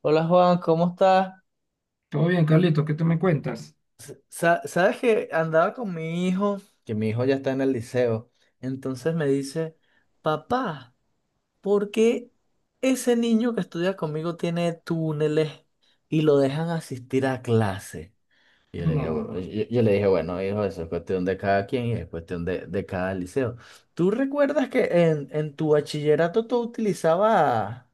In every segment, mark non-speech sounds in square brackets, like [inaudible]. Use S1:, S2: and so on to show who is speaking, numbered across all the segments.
S1: Hola, Juan, ¿cómo estás?
S2: Todo bien, Carlito, ¿qué te me cuentas?
S1: Sabes que andaba con mi hijo, que mi hijo ya está en el liceo, entonces me dice, papá, ¿por qué ese niño que estudia conmigo tiene túneles y lo dejan asistir a clase? Yo le dije, "Bu-
S2: No,
S1: yo, yo le dije, bueno, hijo, eso es cuestión de cada quien y es cuestión de cada liceo. ¿Tú recuerdas que en tu bachillerato tú utilizabas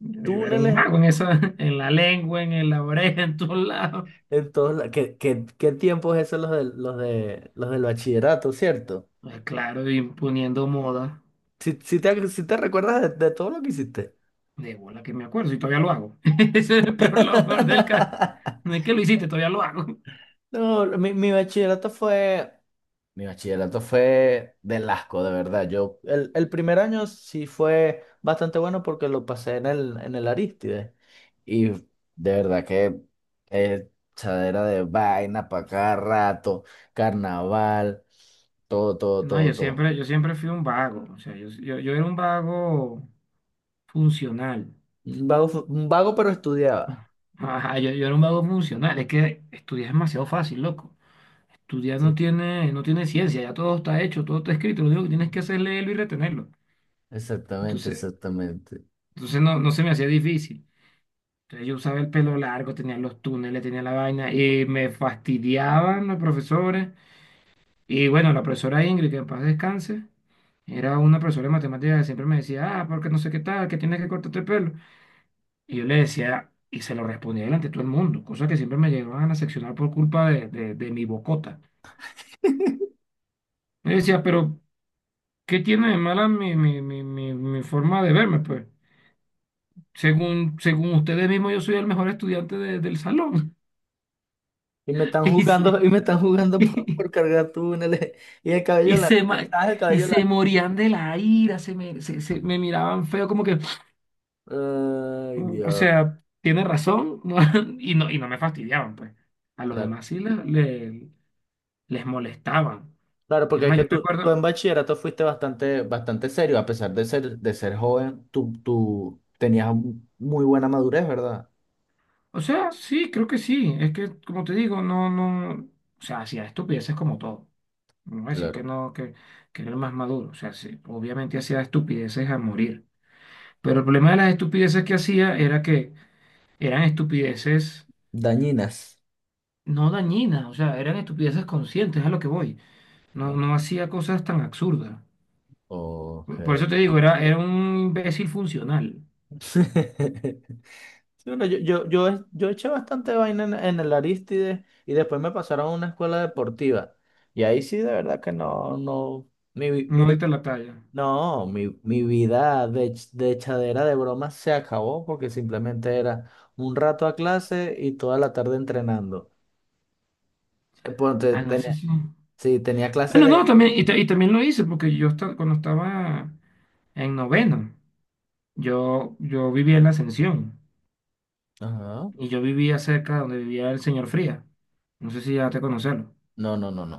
S2: yo era un
S1: túneles?
S2: mago en esa, [laughs] en la lengua, en, la oreja, en todos lados.
S1: ¿Qué tiempos esos los de los del bachillerato, ¿cierto?
S2: Ah, claro, imponiendo moda.
S1: Si te recuerdas de todo lo que hiciste.
S2: De bola que me acuerdo, y todavía lo hago. [laughs] Ese es el peor, lo peor del caso.
S1: [laughs]
S2: No es que lo hiciste, todavía lo hago. [laughs]
S1: No, mi bachillerato fue. Mi bachillerato fue del asco, de verdad. Yo, el primer año sí fue bastante bueno porque lo pasé en el Arístide. Y de verdad que eh, chadera de vaina para cada rato, carnaval, todo, todo,
S2: No,
S1: todo,
S2: yo
S1: todo.
S2: siempre, yo siempre fui un vago. O sea, yo era un vago funcional.
S1: Un vago, un vago, pero estudiaba.
S2: Ajá, yo era un vago funcional. Es que estudiar es demasiado fácil, loco. Estudiar no
S1: Sí.
S2: tiene, no tiene ciencia, ya todo está hecho, todo está escrito. Lo único que tienes que hacer es leerlo y retenerlo.
S1: Exactamente,
S2: Entonces,
S1: exactamente.
S2: entonces no se me hacía difícil. Entonces yo usaba el pelo largo, tenía los túneles, tenía la vaina y me fastidiaban los profesores. Y bueno, la profesora Ingrid, que en paz descanse, era una profesora de matemáticas que siempre me decía, ah, porque no sé qué tal, que tienes que cortarte el pelo. Y yo le decía, y se lo respondía delante de todo el mundo, cosa que siempre me llevaban a seccionar por culpa de mi bocota. Me decía, pero ¿qué tiene de mala mi forma de verme? Pues según ustedes mismos, yo soy el mejor estudiante del salón.
S1: Y me están
S2: Y se,
S1: jugando, y me están
S2: [laughs]
S1: jugando
S2: y,
S1: por cargar túneles. Y el cabello largo,
S2: se,
S1: quizás el
S2: y
S1: cabello
S2: se
S1: largo.
S2: morían de la ira, se me, se me miraban feo, como que,
S1: Ay,
S2: "Mm, o
S1: Dios.
S2: sea, tiene razón, ¿no?". [laughs] Y no me fastidiaban, pues. A los
S1: Claro,
S2: demás sí les molestaban.
S1: claro,
S2: Es
S1: porque es
S2: más,
S1: que
S2: yo
S1: tú en
S2: recuerdo,
S1: bachillerato fuiste bastante, bastante serio, a pesar de ser joven, tú tenías muy buena madurez, ¿verdad?
S2: o sea, sí, creo que sí, es que, como te digo, no, no, o sea, hacía estupideces como todo. No voy a decir que
S1: Claro.
S2: no, que era el más maduro. O sea, sí, obviamente hacía estupideces a morir. Pero el problema de las estupideces que hacía era que eran estupideces
S1: Dañinas.
S2: no dañinas, o sea, eran estupideces conscientes, a lo que voy. No,
S1: Ah,
S2: no hacía cosas tan absurdas.
S1: ok.
S2: Por eso te digo, era un imbécil funcional.
S1: [laughs] Sí, bueno, yo eché bastante vaina en el Aristides y después me pasaron a una escuela deportiva. Y ahí sí, de verdad que no, no, mi,
S2: No diste
S1: vi-
S2: la talla.
S1: no, mi vida de echadera de bromas se acabó porque simplemente era un rato a clase y toda la tarde entrenando. Ponte,
S2: Ah, no, eso
S1: tenía,
S2: sí.
S1: sí, tenía clase
S2: Bueno, no,
S1: de…
S2: también, y también lo hice, porque yo cuando estaba en noveno, yo vivía en la Ascensión,
S1: Ajá.
S2: y yo vivía cerca de donde vivía el señor Fría. No sé si ya te conocerlo.
S1: No, no, no, no.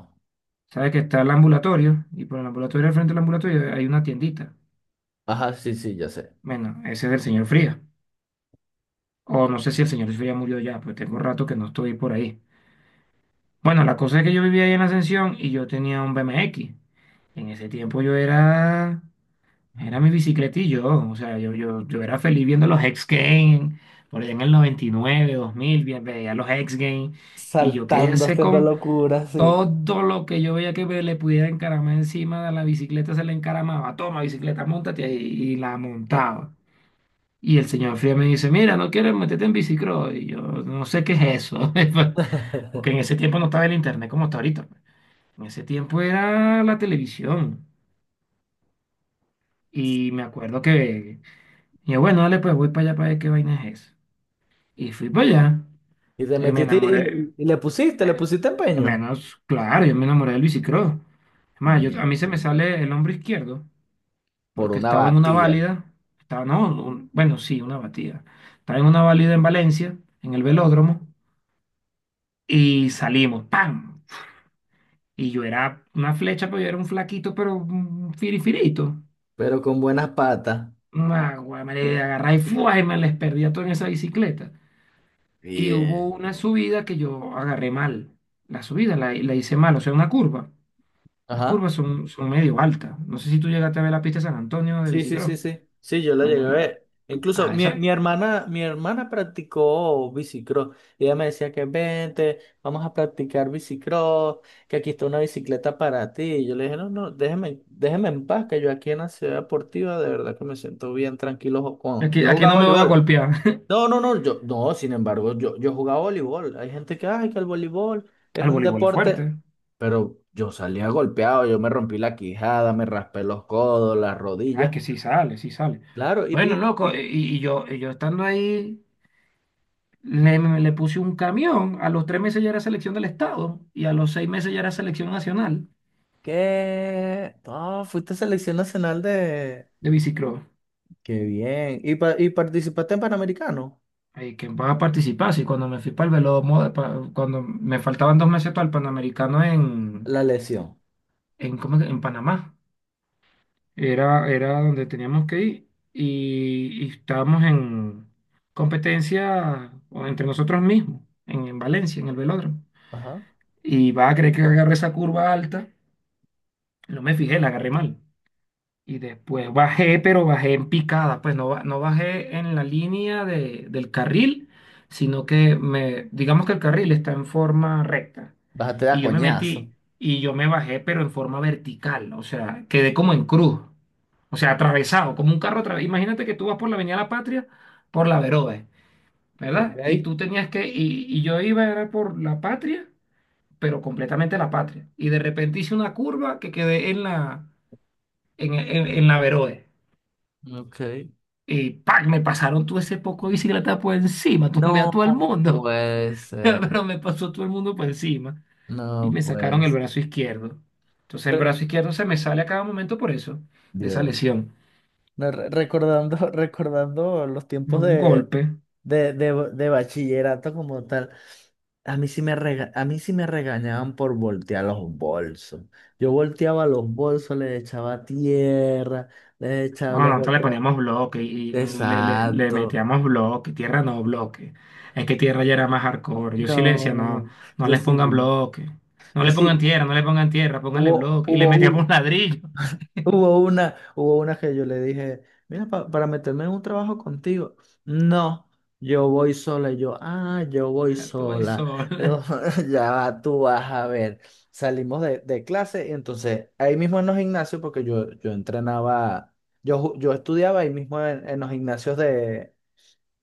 S2: Sabes que está el ambulatorio, y por el ambulatorio, al frente del ambulatorio, hay una tiendita.
S1: Ajá, sí, sí, ya sé.
S2: Bueno, ese es del señor Fría. O no sé si el señor Jesús ya murió ya, pues tengo rato que no estoy por ahí. Bueno, la cosa es que yo vivía ahí en Ascensión y yo tenía un BMX. En ese tiempo era mi bicicletillo, o sea, yo era feliz viendo los X Games, por allá en el 99, 2000, veía los X Games y yo quería
S1: Saltando,
S2: hacer
S1: haciendo
S2: con
S1: locuras, sí.
S2: todo lo que yo veía que le pudiera encaramar encima de la bicicleta, se le encaramaba, toma bicicleta, montate y la montaba. Y el señor Fría me dice, mira, no quieres meterte en bicicross. Y yo no sé qué es eso, [laughs] porque
S1: [laughs]
S2: en ese tiempo no estaba el internet como está ahorita, pues. En ese tiempo era la televisión. Y me acuerdo que, y yo, bueno, dale, pues voy para allá para ver qué vaina es eso. Y fui para allá.
S1: Y te
S2: Y me
S1: metiste
S2: enamoré,
S1: y le
S2: me-
S1: pusiste empeño.
S2: menos, claro, yo me enamoré del bicicross. Es más, yo, a mí
S1: Bien.
S2: se me sale el hombro izquierdo,
S1: Por
S2: porque
S1: una
S2: estaba en una
S1: batía.
S2: válida, estaba, no, bueno, sí, una batida. Estaba en una válida en Valencia, en el velódromo. Y salimos, ¡pam! Y yo era una flecha, pero yo era un flaquito, pero un firifirito.
S1: Pero con buenas patas.
S2: Una güey, me le agarré y ¡fua! Y me les perdía todo en esa bicicleta. Y hubo
S1: Bien.
S2: una subida que yo agarré mal. La subida la hice mal, o sea, una curva. Las
S1: Ajá.
S2: curvas son medio altas. No sé si tú llegaste a ver la pista de San Antonio de
S1: Sí, sí,
S2: bicicross.
S1: sí, sí. Sí, yo la
S2: Bueno,
S1: llegué a
S2: la...
S1: ver. Incluso
S2: Ajá, esa...
S1: mi hermana practicó bicicross. Y ella me decía que vente, vamos a practicar bicicross, que aquí está una bicicleta para ti. Y yo le dije, no, no, déjeme, déjeme en paz, que yo aquí en la ciudad deportiva de verdad que me siento bien tranquilo. Con…
S2: Aquí,
S1: yo
S2: aquí
S1: jugaba
S2: no me voy a
S1: voleibol.
S2: golpear. [laughs]
S1: No, no, no, yo, no, sin embargo, yo jugaba voleibol. Hay gente que, ay, que el voleibol es
S2: Al
S1: un
S2: voleibol es
S1: deporte,
S2: fuerte.
S1: pero yo salía golpeado, yo me rompí la quijada, me raspé los codos, las
S2: Ay,
S1: rodillas.
S2: que sí sale, sí sale.
S1: Claro,
S2: Bueno, loco,
S1: y
S2: y yo estando ahí le puse un camión, a los 3 meses ya era selección del estado y a los 6 meses ya era selección nacional
S1: qué, no, fuiste selección nacional de,
S2: de bicicross.
S1: qué bien, y participaste en Panamericano,
S2: Que va a participar, sí, cuando me fui para el Velomoda, cuando me faltaban 2 meses para el Panamericano en,
S1: la lesión.
S2: ¿cómo es que? En Panamá, era donde teníamos que ir y estábamos en competencia o entre nosotros mismos, en Valencia, en el velódromo.
S1: Ajá.
S2: Y va a creer que agarré esa curva alta, no me fijé, la agarré mal. Y después bajé, pero bajé en picada, pues no, no bajé en la línea del carril, sino que me, digamos que el carril está en forma recta.
S1: Bájate de
S2: Y
S1: a
S2: yo me
S1: coñazo.
S2: metí y yo me bajé, pero en forma vertical, o sea, quedé como en cruz, o sea, atravesado, como un carro atravesado. Imagínate que tú vas por la Avenida La Patria, por la Verode, ¿verdad? Y
S1: Ok.
S2: tú tenías que, y yo iba era por la Patria, pero completamente la Patria. Y de repente hice una curva que quedé en la, en en la Verode.
S1: Ok.
S2: Y ¡pac! Me pasaron todo ese poco de bicicleta por encima, [laughs] tumbé a
S1: No,
S2: todo el mundo,
S1: pues,
S2: [laughs] pero me pasó todo el mundo por encima y
S1: no,
S2: me sacaron el
S1: pues.
S2: brazo izquierdo. Entonces el
S1: Re-
S2: brazo izquierdo se me sale a cada momento por eso, de esa
S1: Dios.
S2: lesión.
S1: No, recordando, [laughs] recordando los tiempos
S2: Un golpe.
S1: de bachillerato como tal, a mí sí a mí sí me regañaban por voltear los bolsos. Yo volteaba los bolsos, les echaba tierra, les echaba,
S2: Ah,
S1: les
S2: no, entonces le
S1: volteaba.
S2: poníamos bloque y le, le
S1: Exacto.
S2: metíamos bloque, tierra no bloque. Es que tierra ya era más hardcore. Yo sí le decía, no,
S1: No,
S2: no
S1: yo
S2: les
S1: sí,
S2: pongan bloque, no
S1: yo
S2: le pongan
S1: sí,
S2: tierra, no le pongan tierra, pónganle
S1: hubo,
S2: bloque. Y le
S1: hubo,
S2: metíamos ladrillo.
S1: hubo una, hubo una que yo le dije, mira, para meterme en un trabajo contigo. No, yo voy sola. Y yo, ah, yo voy
S2: [laughs] Tú vas
S1: sola.
S2: sola.
S1: Pero [laughs] ya va, tú vas a ver. Salimos de clase y entonces ahí mismo en los gimnasios, porque yo entrenaba, yo estudiaba ahí mismo en los gimnasios de,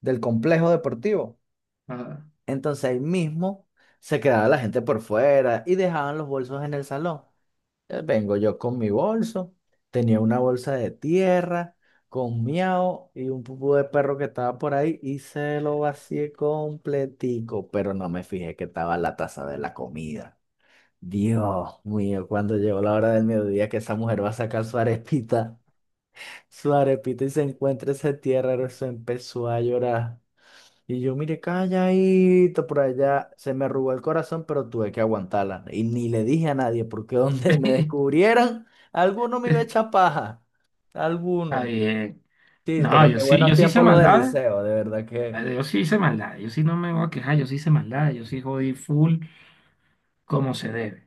S1: del complejo deportivo.
S2: [laughs]
S1: Entonces ahí mismo se quedaba la gente por fuera y dejaban los bolsos en el salón. Vengo yo con mi bolso, tenía una bolsa de tierra, con miau y un pupú de perro que estaba por ahí y se lo vacié completico, pero no me fijé que estaba la taza de la comida. Dios mío, cuando llegó la hora del mediodía que esa mujer va a sacar su arepita y se encuentra ese tierra, eso empezó a llorar. Y yo, mire, calladito por allá, se me arrugó el corazón, pero tuve que aguantarla. Y ni le dije a nadie, porque [laughs] donde me descubrieran, alguno me iba a
S2: Ah. [laughs]
S1: echar paja.
S2: Está
S1: Alguno.
S2: bien.
S1: Sí,
S2: No,
S1: pero
S2: yo
S1: qué
S2: sí,
S1: buenos
S2: yo sí hice
S1: tiempos los del
S2: maldades.
S1: liceo, de verdad que.
S2: Yo sí hice maldades. Yo sí no me voy a quejar. Yo sí hice maldades. Yo sí jodí full como se debe.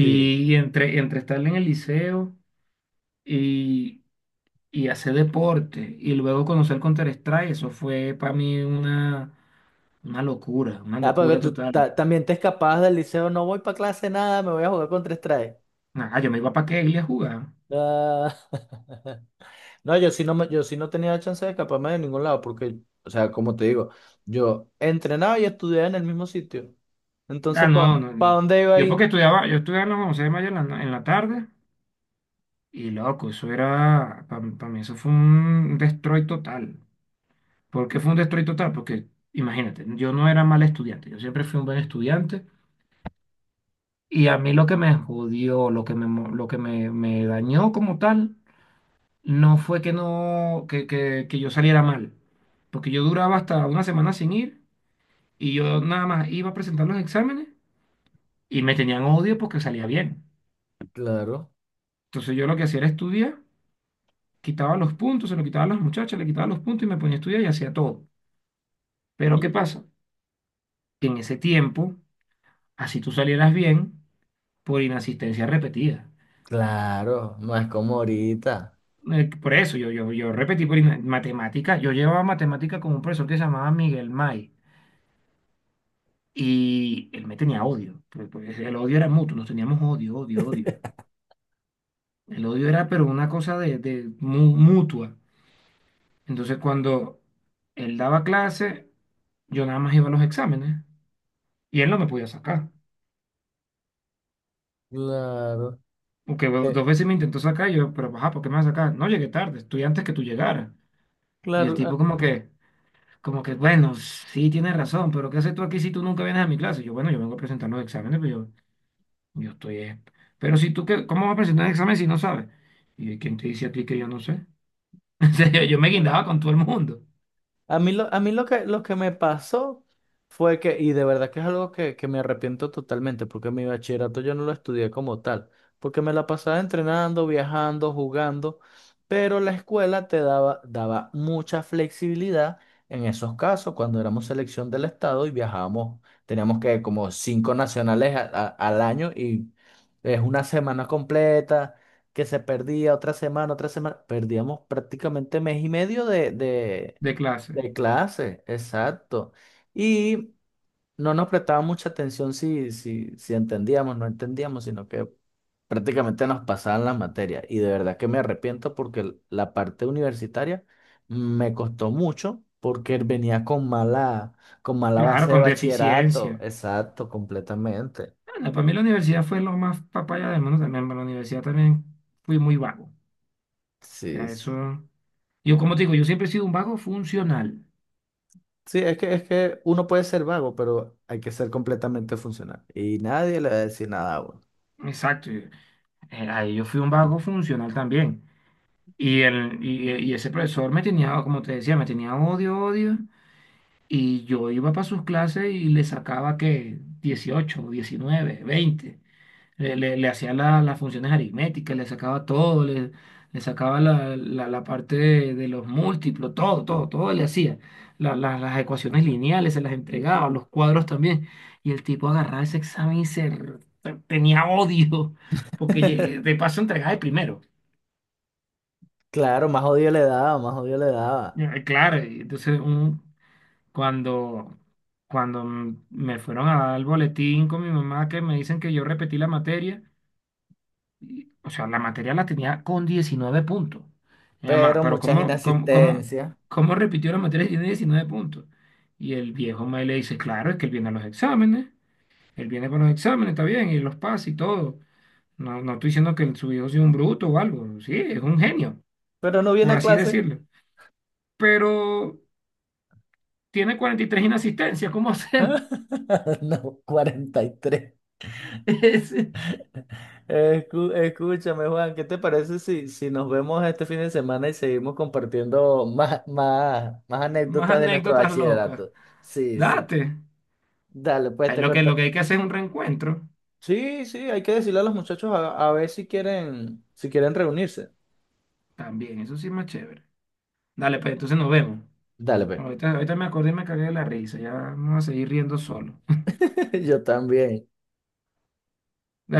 S1: Sí.
S2: entre, entre estar en el liceo y, y hacer deporte y luego conocer Counter-Strike, eso fue para mí una
S1: Ah, porque
S2: locura
S1: tú
S2: total.
S1: también te escapabas del liceo, no voy para clase nada, me voy a jugar con tres trajes.
S2: Ah, yo me iba para Keglia a jugar.
S1: Ah, [laughs] no, yo sí no, yo sí no tenía chance de escaparme de ningún lado, porque, o sea, como te digo, yo entrenaba y estudiaba en el mismo sitio. Entonces,
S2: Ah,
S1: ¿para pa
S2: no, no,
S1: pa
S2: no.
S1: dónde iba
S2: Yo
S1: ahí?
S2: porque estudiaba, yo estudiaba en la José de Mayo en la, en la tarde y loco, eso era, para mí eso fue un destroy total. ¿Por qué fue un destroy total? Porque imagínate, yo no era mal estudiante, yo siempre fui un buen estudiante y a mí lo que me jodió, lo que me dañó como tal, no fue que, no, que yo saliera mal, porque yo duraba hasta una semana sin ir y yo nada más iba a presentar los exámenes y me tenían odio porque salía bien.
S1: Claro,
S2: Entonces yo lo que hacía era estudiar, quitaba los puntos, se lo quitaba a las muchachas, le quitaba los puntos y me ponía a estudiar y hacía todo. Pero ¿qué pasa? Que en ese tiempo, así tú salieras bien, por inasistencia repetida.
S1: claro, no es como ahorita.
S2: Por eso yo repetí por matemática. Yo llevaba matemática con un profesor que se llamaba Miguel May y él me tenía odio, pues, el odio era mutuo, nos teníamos odio, odio, odio.
S1: [laughs]
S2: El odio era, pero una cosa de, mutua. Entonces, cuando él daba clase, yo nada más iba a los exámenes y él no me podía sacar.
S1: Claro.
S2: Porque bueno,
S1: Eh,
S2: dos veces me intentó sacar, y yo, pero ajá, ¿por qué me vas a sacar? No llegué tarde, estoy antes que tú llegaras. Y el
S1: claro.
S2: tipo, como que. Como que, bueno, sí tienes razón, pero ¿qué haces tú aquí si tú nunca vienes a mi clase? Yo, bueno, yo vengo a presentar los exámenes, pero yo estoy... Pero si tú, qué, ¿cómo vas a presentar un examen si no sabes? ¿Y quién te dice a ti que yo no sé? [laughs] En serio, yo me
S1: Ah,
S2: guindaba con todo el mundo
S1: a mí lo, a mí lo que me pasó fue que, y de verdad que es algo que me arrepiento totalmente, porque mi bachillerato yo no lo estudié como tal, porque me la pasaba entrenando, viajando, jugando, pero la escuela te daba, daba mucha flexibilidad en esos casos, cuando éramos selección del estado y viajábamos, teníamos que como 5 nacionales al año y es una semana completa. Que se perdía otra semana, perdíamos prácticamente mes y medio
S2: de clase.
S1: de clase, exacto. Y no nos prestaba mucha atención si, si entendíamos, no entendíamos, sino que prácticamente nos pasaban las materias. Y de verdad que me arrepiento porque la parte universitaria me costó mucho porque venía con mala
S2: Claro,
S1: base de
S2: con
S1: bachillerato.
S2: deficiencia.
S1: Exacto, completamente.
S2: Bueno, para mí la universidad fue lo más papaya del mundo también. Para la universidad también fui muy vago. O
S1: Sí,
S2: sea,
S1: sí.
S2: eso... Yo, como te digo, yo siempre he sido un vago funcional.
S1: Sí, es que uno puede ser vago, pero hay que ser completamente funcional. Y nadie le va a decir nada a uno.
S2: Exacto. Ahí yo fui un vago funcional también. Y ese profesor me tenía, como te decía, me tenía odio, odio. Y yo iba para sus clases y le sacaba que 18 19 20. Le hacía las funciones aritméticas, le sacaba todo, le sacaba la, la parte de los múltiplos, todo, todo, todo le hacía. Las ecuaciones lineales se las entregaba, los cuadros también. Y el tipo agarraba ese examen y se tenía odio, porque
S1: [laughs]
S2: de paso entregaba el primero.
S1: Claro, más odio le daba, más odio le daba.
S2: Ya, claro, y entonces un, cuando, me fueron a dar el boletín con mi mamá que me dicen que yo repetí la materia, y, o sea, la materia la tenía con 19 puntos. Mi mamá,
S1: Pero
S2: pero
S1: muchas inasistencias.
S2: ¿cómo repitió la materia si tiene 19 puntos? Y el viejo me le dice, claro, es que él viene a los exámenes, él viene con los exámenes, está bien, y los pasa y todo. No, no estoy diciendo que su hijo sea un bruto o algo, sí, es un genio,
S1: Pero no viene
S2: por
S1: a
S2: así
S1: clase.
S2: decirlo. Pero tiene 43 inasistencias, ¿cómo hacemos?
S1: [laughs] No, 43.
S2: [laughs]
S1: Escúchame, Juan, ¿qué te parece si, si nos vemos este fin de semana y seguimos compartiendo más, más, más
S2: Más
S1: anécdotas de nuestro
S2: anécdotas locas.
S1: bachillerato? Sí, sí.
S2: Date.
S1: Dale, pues
S2: Ahí
S1: te conto.
S2: lo que hay que hacer es un reencuentro.
S1: Sí, sí, hay que decirle a los muchachos a ver si quieren, si quieren reunirse.
S2: También, eso sí es más chévere. Dale, pues entonces nos vemos.
S1: Dale, pues.
S2: Ahorita, ahorita me acordé y me cagué de la risa. Ya vamos a seguir riendo solo.
S1: [laughs] Yo también.
S2: [laughs]